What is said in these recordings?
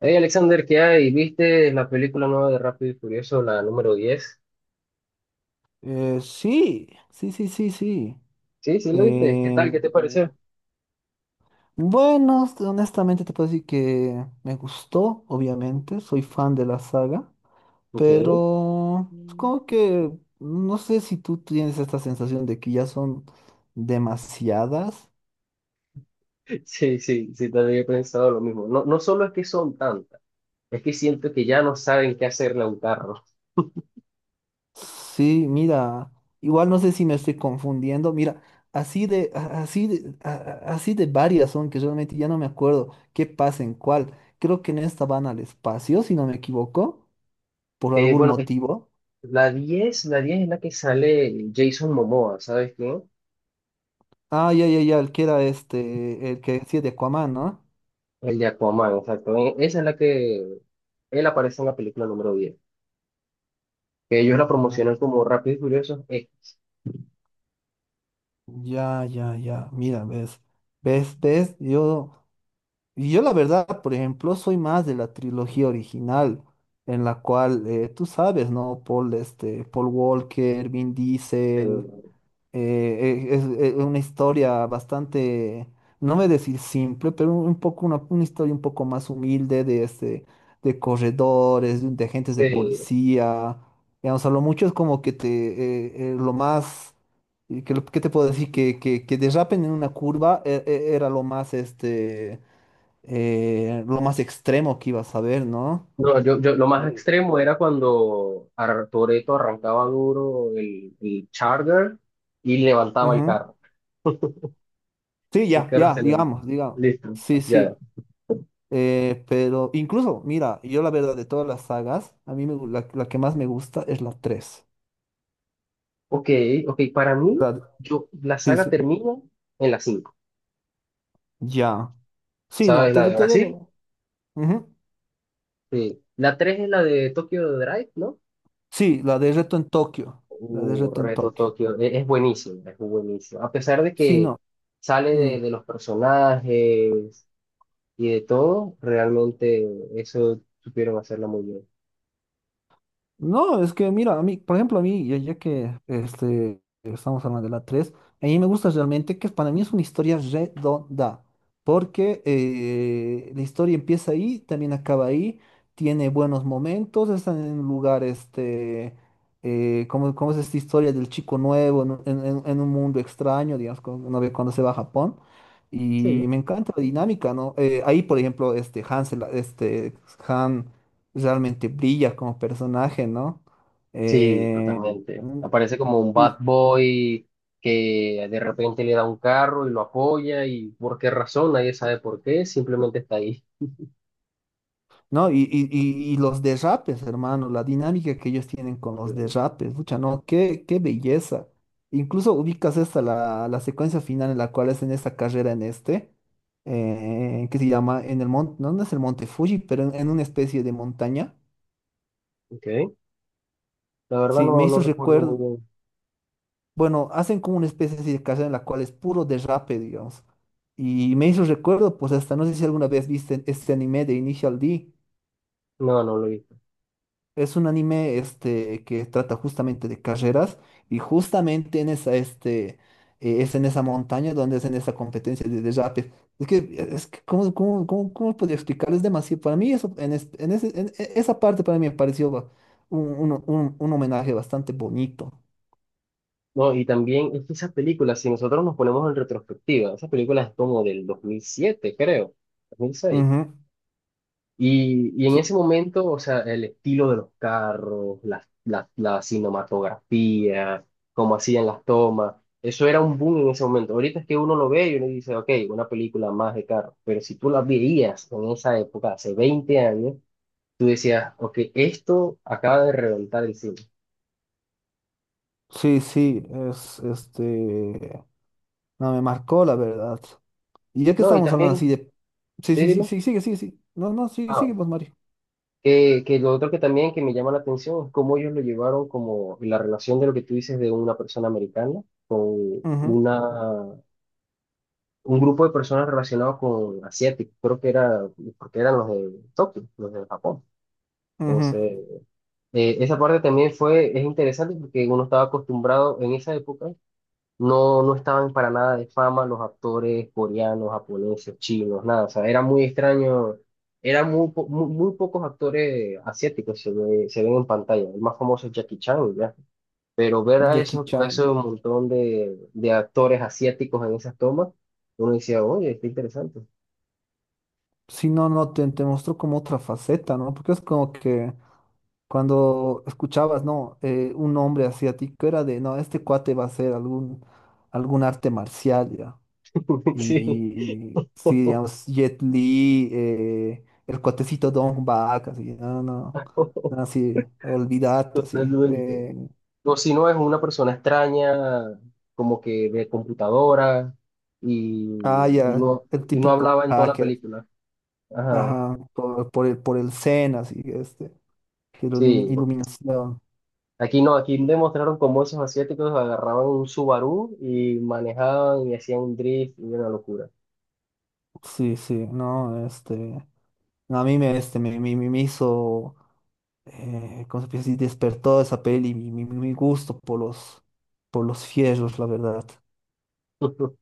Hey Alexander, ¿qué hay? ¿Viste la película nueva de Rápido y Furioso, la número 10? Sí. Sí, sí, la viste. ¿Qué tal? Eh, ¿Qué te, sí, pareció? bueno, honestamente te puedo decir que me gustó, obviamente, soy fan de la saga, Ok. pero es como que no sé si tú tienes esta sensación de que ya son demasiadas. Sí, sí, sí, también he pensado lo mismo. No, no solo es que son tantas, es que siento que ya no saben qué hacerle a un carro. Sí, mira, igual no sé si me estoy confundiendo, mira, así de varias son que realmente ya no me acuerdo qué pasa en cuál. Creo que en esta van al espacio, si no me equivoco, por algún Bueno, motivo. La 10 es la que sale Jason Momoa, ¿sabes quién? Ah, ya, ya, ya, el que era el que decía de Aquaman, ¿no? El de Aquaman, exacto. Esa es la que él aparece en la película número 10, que ellos la Ay, promocionan como Rápido y Furioso. Este. ya, ya, ya, mira, ves, yo, y yo la verdad, por ejemplo, soy más de la trilogía original, en la cual, tú sabes, ¿no? Paul, Paul Walker, Vin Diesel. Eh, eh, es, una historia bastante, no me decir simple, pero un poco una historia un poco más humilde de de corredores, de agentes de Sí. policía. Digamos, a lo mucho es como que te lo más ¿qué te puedo decir? Que derrapen en una curva era lo más lo más extremo que ibas a ver, ¿no? No, yo lo más Eh, extremo era cuando Toretto arrancaba duro el Charger y levantaba el ujú. carro. Sí, El ya, carro ya, se levantó. digamos, digamos. Listo, Sí, ya. sí. Pero incluso, mira, yo la verdad de todas las sagas, a mí la que más me gusta es la tres. Ok, ok, para mí, La- la sí, saga sí, termina en la cinco. ya. Sí, no, ¿Sabes? te, La de te doy la. Brasil. Ujú. Sí. La 3 es la de Tokyo Drive, ¿no? Sí, la de Reto en Tokio. La de Reto en Reto Tokio. Tokio. Es buenísimo, es buenísimo. A pesar de Sí, que no. sale Mm. De los personajes y de todo, realmente eso supieron hacerla muy bien. No, es que mira, a mí, por ejemplo, a mí, ya, ya que estamos hablando de la tres, a mí me gusta realmente que para mí es una historia redonda, porque la historia empieza ahí, también acaba ahí, tiene buenos momentos, está en un lugar, como, como es esta historia del chico nuevo en, en un mundo extraño, digamos, cuando uno ve cuando se va a Japón, Sí. y me encanta la dinámica, ¿no? Ahí, por ejemplo, Hansel, Han realmente brilla como personaje, ¿no? Sí, Eh, totalmente. mm, Aparece como un bad y- boy que de repente le da un carro y lo apoya y por qué razón, nadie sabe por qué, simplemente está ahí. ¿No? Y, y los derrapes, hermano, la dinámica que ellos tienen con Sí. los derrapes, pucha, no, qué, qué belleza. Incluso ubicas esta, la secuencia final en la cual es en esta carrera en que se llama en el monte, no, no es el monte Fuji, pero en una especie de montaña. Okay. La verdad, Sí, me no hizo recuerdo muy recuerdo. bien. Bueno, hacen como una especie así de carrera en la cual es puro derrape, digamos. Y me hizo recuerdo, pues hasta no sé si alguna vez viste este anime de Initial D. No, no lo he visto. Es un anime que trata justamente de carreras y justamente en esa, es en esa montaña donde hacen esa competencia de derrape. Es que ¿cómo podría explicar? Es demasiado. Para mí eso, en, es- en ese- en e- esa parte para mí me pareció un, un homenaje bastante bonito. No, y también es que esas películas, si nosotros nos ponemos en retrospectiva, esas películas es como del 2007, creo, 2006. Ujú. Y en ese Sí. momento, o sea, el estilo de los carros, la cinematografía, cómo hacían las tomas, eso era un boom en ese momento. Ahorita es que uno lo ve y uno dice, ok, una película más de carros, pero si tú la veías en esa época, hace 20 años, tú decías, ok, esto acaba de reventar el cine. Sí, sí, es No, me marcó la verdad. Y ya que No, y estamos hablando así también. de. Sí, Sí, sí, sí, dime. sí, sigue, sigue, sí. No, no, sí, Ah, sigue, pues, Mario. Que lo otro que también que me llama la atención es cómo ellos lo llevaron como la relación de lo que tú dices de una persona americana con Ujú, una un grupo de personas relacionados con asiáticos, creo que era, porque eran los de Tokio, los de Japón. ujú. Entonces, esa parte también fue, es interesante porque uno estaba acostumbrado en esa época, no estaban para nada de fama los actores coreanos, japoneses, chinos, nada, o sea, era muy extraño, eran muy, muy pocos actores asiáticos se ven en pantalla, el más famoso es Jackie Chan, ya, pero ver Jackie a Chan. esos montón de actores asiáticos en esas tomas, uno decía, oye, está interesante. Si no, no, te mostró como otra faceta, ¿no? Porque es como que cuando escuchabas, ¿no? Un hombre asiático era de, no, este cuate va a hacer algún arte marcial, ya. Sí, Y sí, digamos, Jet Li, el cuatecito Don Bak, así, no, no, no, así, olvidate así. totalmente. O si no, es una persona extraña, como que de computadora, Ah, ya, el y no típico hablaba en toda la hacker, película. Ajá, ajá, por el Zen, así, que la sí. iluminación. Aquí no, aquí demostraron cómo esos asiáticos agarraban un Subaru y manejaban y hacían un drift y una locura. Sí, sí, no, no, a mí me, me hizo, ¿cómo se puede decir? Despertó esa peli, mi gusto por los fierros, la verdad.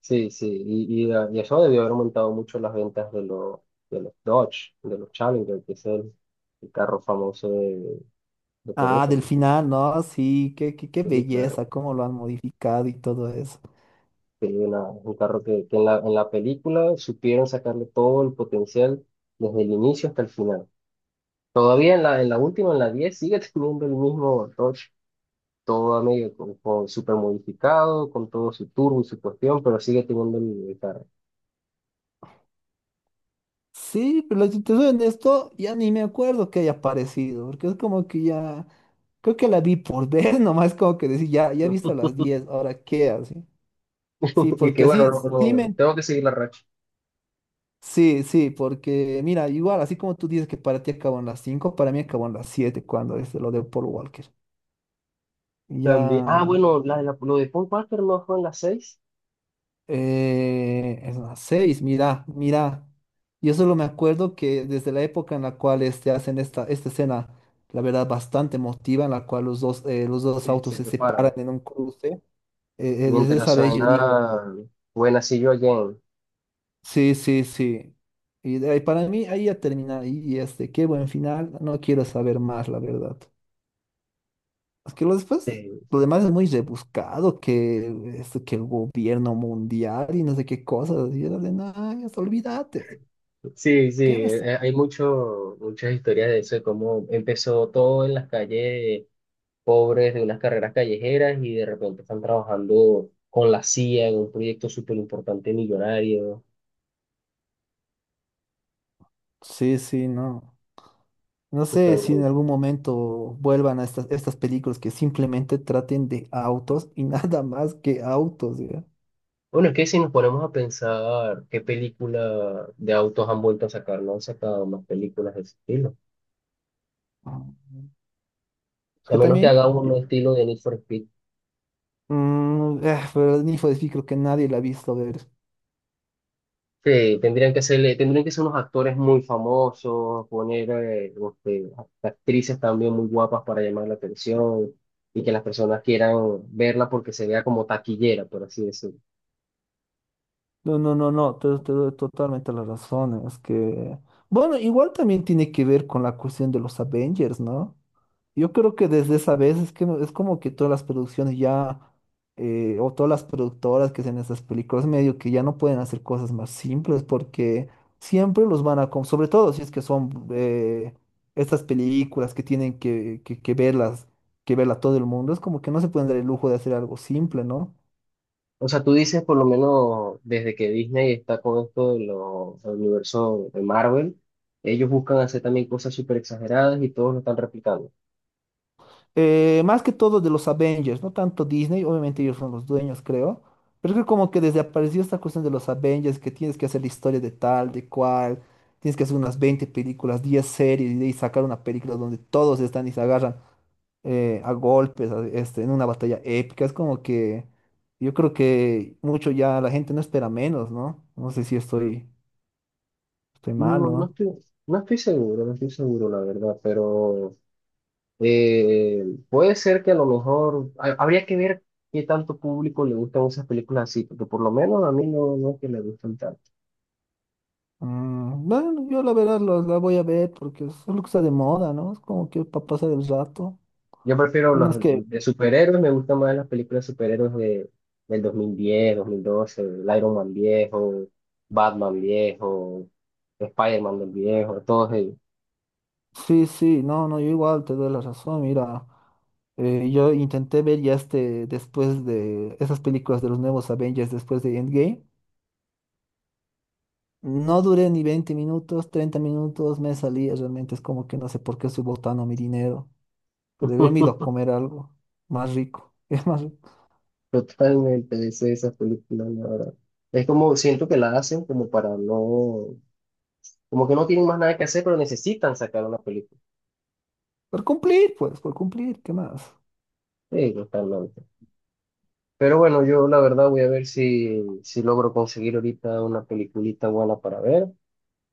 Sí, sí, y eso debió haber aumentado mucho las ventas de de los Dodge, de los Challenger, que es el carro famoso de Ah, Toretto. del final, ¿no? Sí, qué, qué, qué Sí, claro. belleza, cómo lo han modificado y todo eso. Sí, un carro que en la película supieron sacarle todo el potencial desde el inicio hasta el final. Todavía en la última, en la 10 sigue teniendo el mismo Dodge, todo a medio, con super modificado, con todo su turbo y su cuestión, pero sigue teniendo el carro. Sí, pero si te soy honesto, ya ni me acuerdo que haya aparecido, porque es como que ya, creo que la vi por ver, nomás como que decir, ya, ya he visto las 10, ahora qué, así. Sí, Y que porque así, bueno, sí, no, me- tengo que seguir la racha. sí, sí, porque mira, igual, así como tú dices que para ti acabó en las 5, para mí acabó en las 7 cuando es lo de Paul Walker. Ya. También, ah, bueno, lo de Paul Walker no fue en la seis. Es las 6, mira, mira. Yo solo me acuerdo que desde la época en la cual hacen esta escena, la verdad, bastante emotiva, en la cual los dos Sí, autos se se separan separan. en un cruce, desde Mientras esa vez yo dije, suena Buena See You Again. sí, sí, sí. Y de ahí, para mí ahí ya termina, qué buen final, no quiero saber más, la verdad. Es que lo después, lo demás es muy rebuscado, que, esto, que el gobierno mundial y no sé qué cosas, y era de, nada, olvídate. Sí, sí, ¿Qué me estás? Hay muchas historias de eso, de cómo empezó todo en las calles pobres de unas carreras callejeras y de repente están trabajando con la CIA en un proyecto súper importante, millonario, Sí, sí, no. No sé si en totalmente. algún momento vuelvan a estas, estas películas que simplemente traten de autos y nada más que autos, ya. Bueno, es que si nos ponemos a pensar qué película de autos han vuelto a sacar, no han sacado más películas de ese estilo. Ah. Es A que menos que también, haga uno estilo de Need for Speed. mm, pero Need for Speed creo que nadie la ha visto ver. Sí, tendrían que ser unos actores muy famosos, poner este, actrices también muy guapas para llamar la atención y que las personas quieran verla porque se vea como taquillera, por así decirlo. No, no, no, no, te doy totalmente la razón. Es que, bueno, igual también tiene que ver con la cuestión de los Avengers, ¿no? Yo creo que desde esa vez es que es como que todas las producciones ya, o todas las productoras que hacen estas películas, medio que ya no pueden hacer cosas más simples porque siempre los van a, sobre todo si es que son estas películas que tienen que, que verlas, que verla todo el mundo, es como que no se pueden dar el lujo de hacer algo simple, ¿no? O sea, tú dices por lo menos desde que Disney está con esto de los del universo de Marvel, ellos buscan hacer también cosas súper exageradas y todos lo están replicando. Más que todo de los Avengers, no tanto Disney, obviamente ellos son los dueños, creo. Pero creo como que desde apareció esta cuestión de los Avengers, que tienes que hacer la historia de tal, de cual, tienes que hacer unas 20 películas, 10 series y de ahí sacar una película donde todos están y se agarran a golpes en una batalla épica. Es como que yo creo que mucho ya la gente no espera menos, ¿no? No sé si estoy, estoy mal, No, ¿no? No estoy seguro, no estoy seguro, la verdad, pero puede ser que a lo mejor habría que ver qué tanto público le gustan esas películas así, porque por lo menos a mí no es que me gustan tanto. Mm, bueno, yo la verdad la voy a ver porque es lo que está de moda, ¿no? Es como que para pasar el rato. Yo prefiero No, las es que, de superhéroes, me gustan más las películas de superhéroes del 2010, 2012, el Iron Man viejo, Batman viejo, Spider-Man del viejo, todos ellos. sí, sí, no, no, yo igual te doy la razón, mira, yo intenté ver ya después de esas películas de los nuevos Avengers, después de Endgame, no duré ni 20 minutos, 30 minutos, me salía, realmente es como que no sé por qué estoy botando mi dinero, pues, debería haberme ido a comer algo más rico, es más rico. Totalmente deseo esas películas, la verdad. Es como, siento que las hacen como para no, como que no tienen más nada que hacer, pero necesitan sacar una película. Por cumplir, pues, por cumplir, ¿qué más? Sí, totalmente. Pero bueno, yo la verdad voy a ver si logro conseguir ahorita una peliculita buena para ver,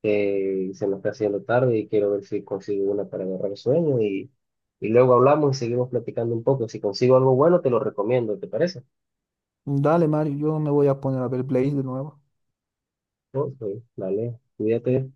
que se me está haciendo tarde y quiero ver si consigo una para agarrar el sueño y luego hablamos y seguimos platicando un poco. Si consigo algo bueno, te lo recomiendo, ¿te parece? Dale, Mario, yo me voy a poner a ver Blaze de nuevo. Ok, dale, cuídate.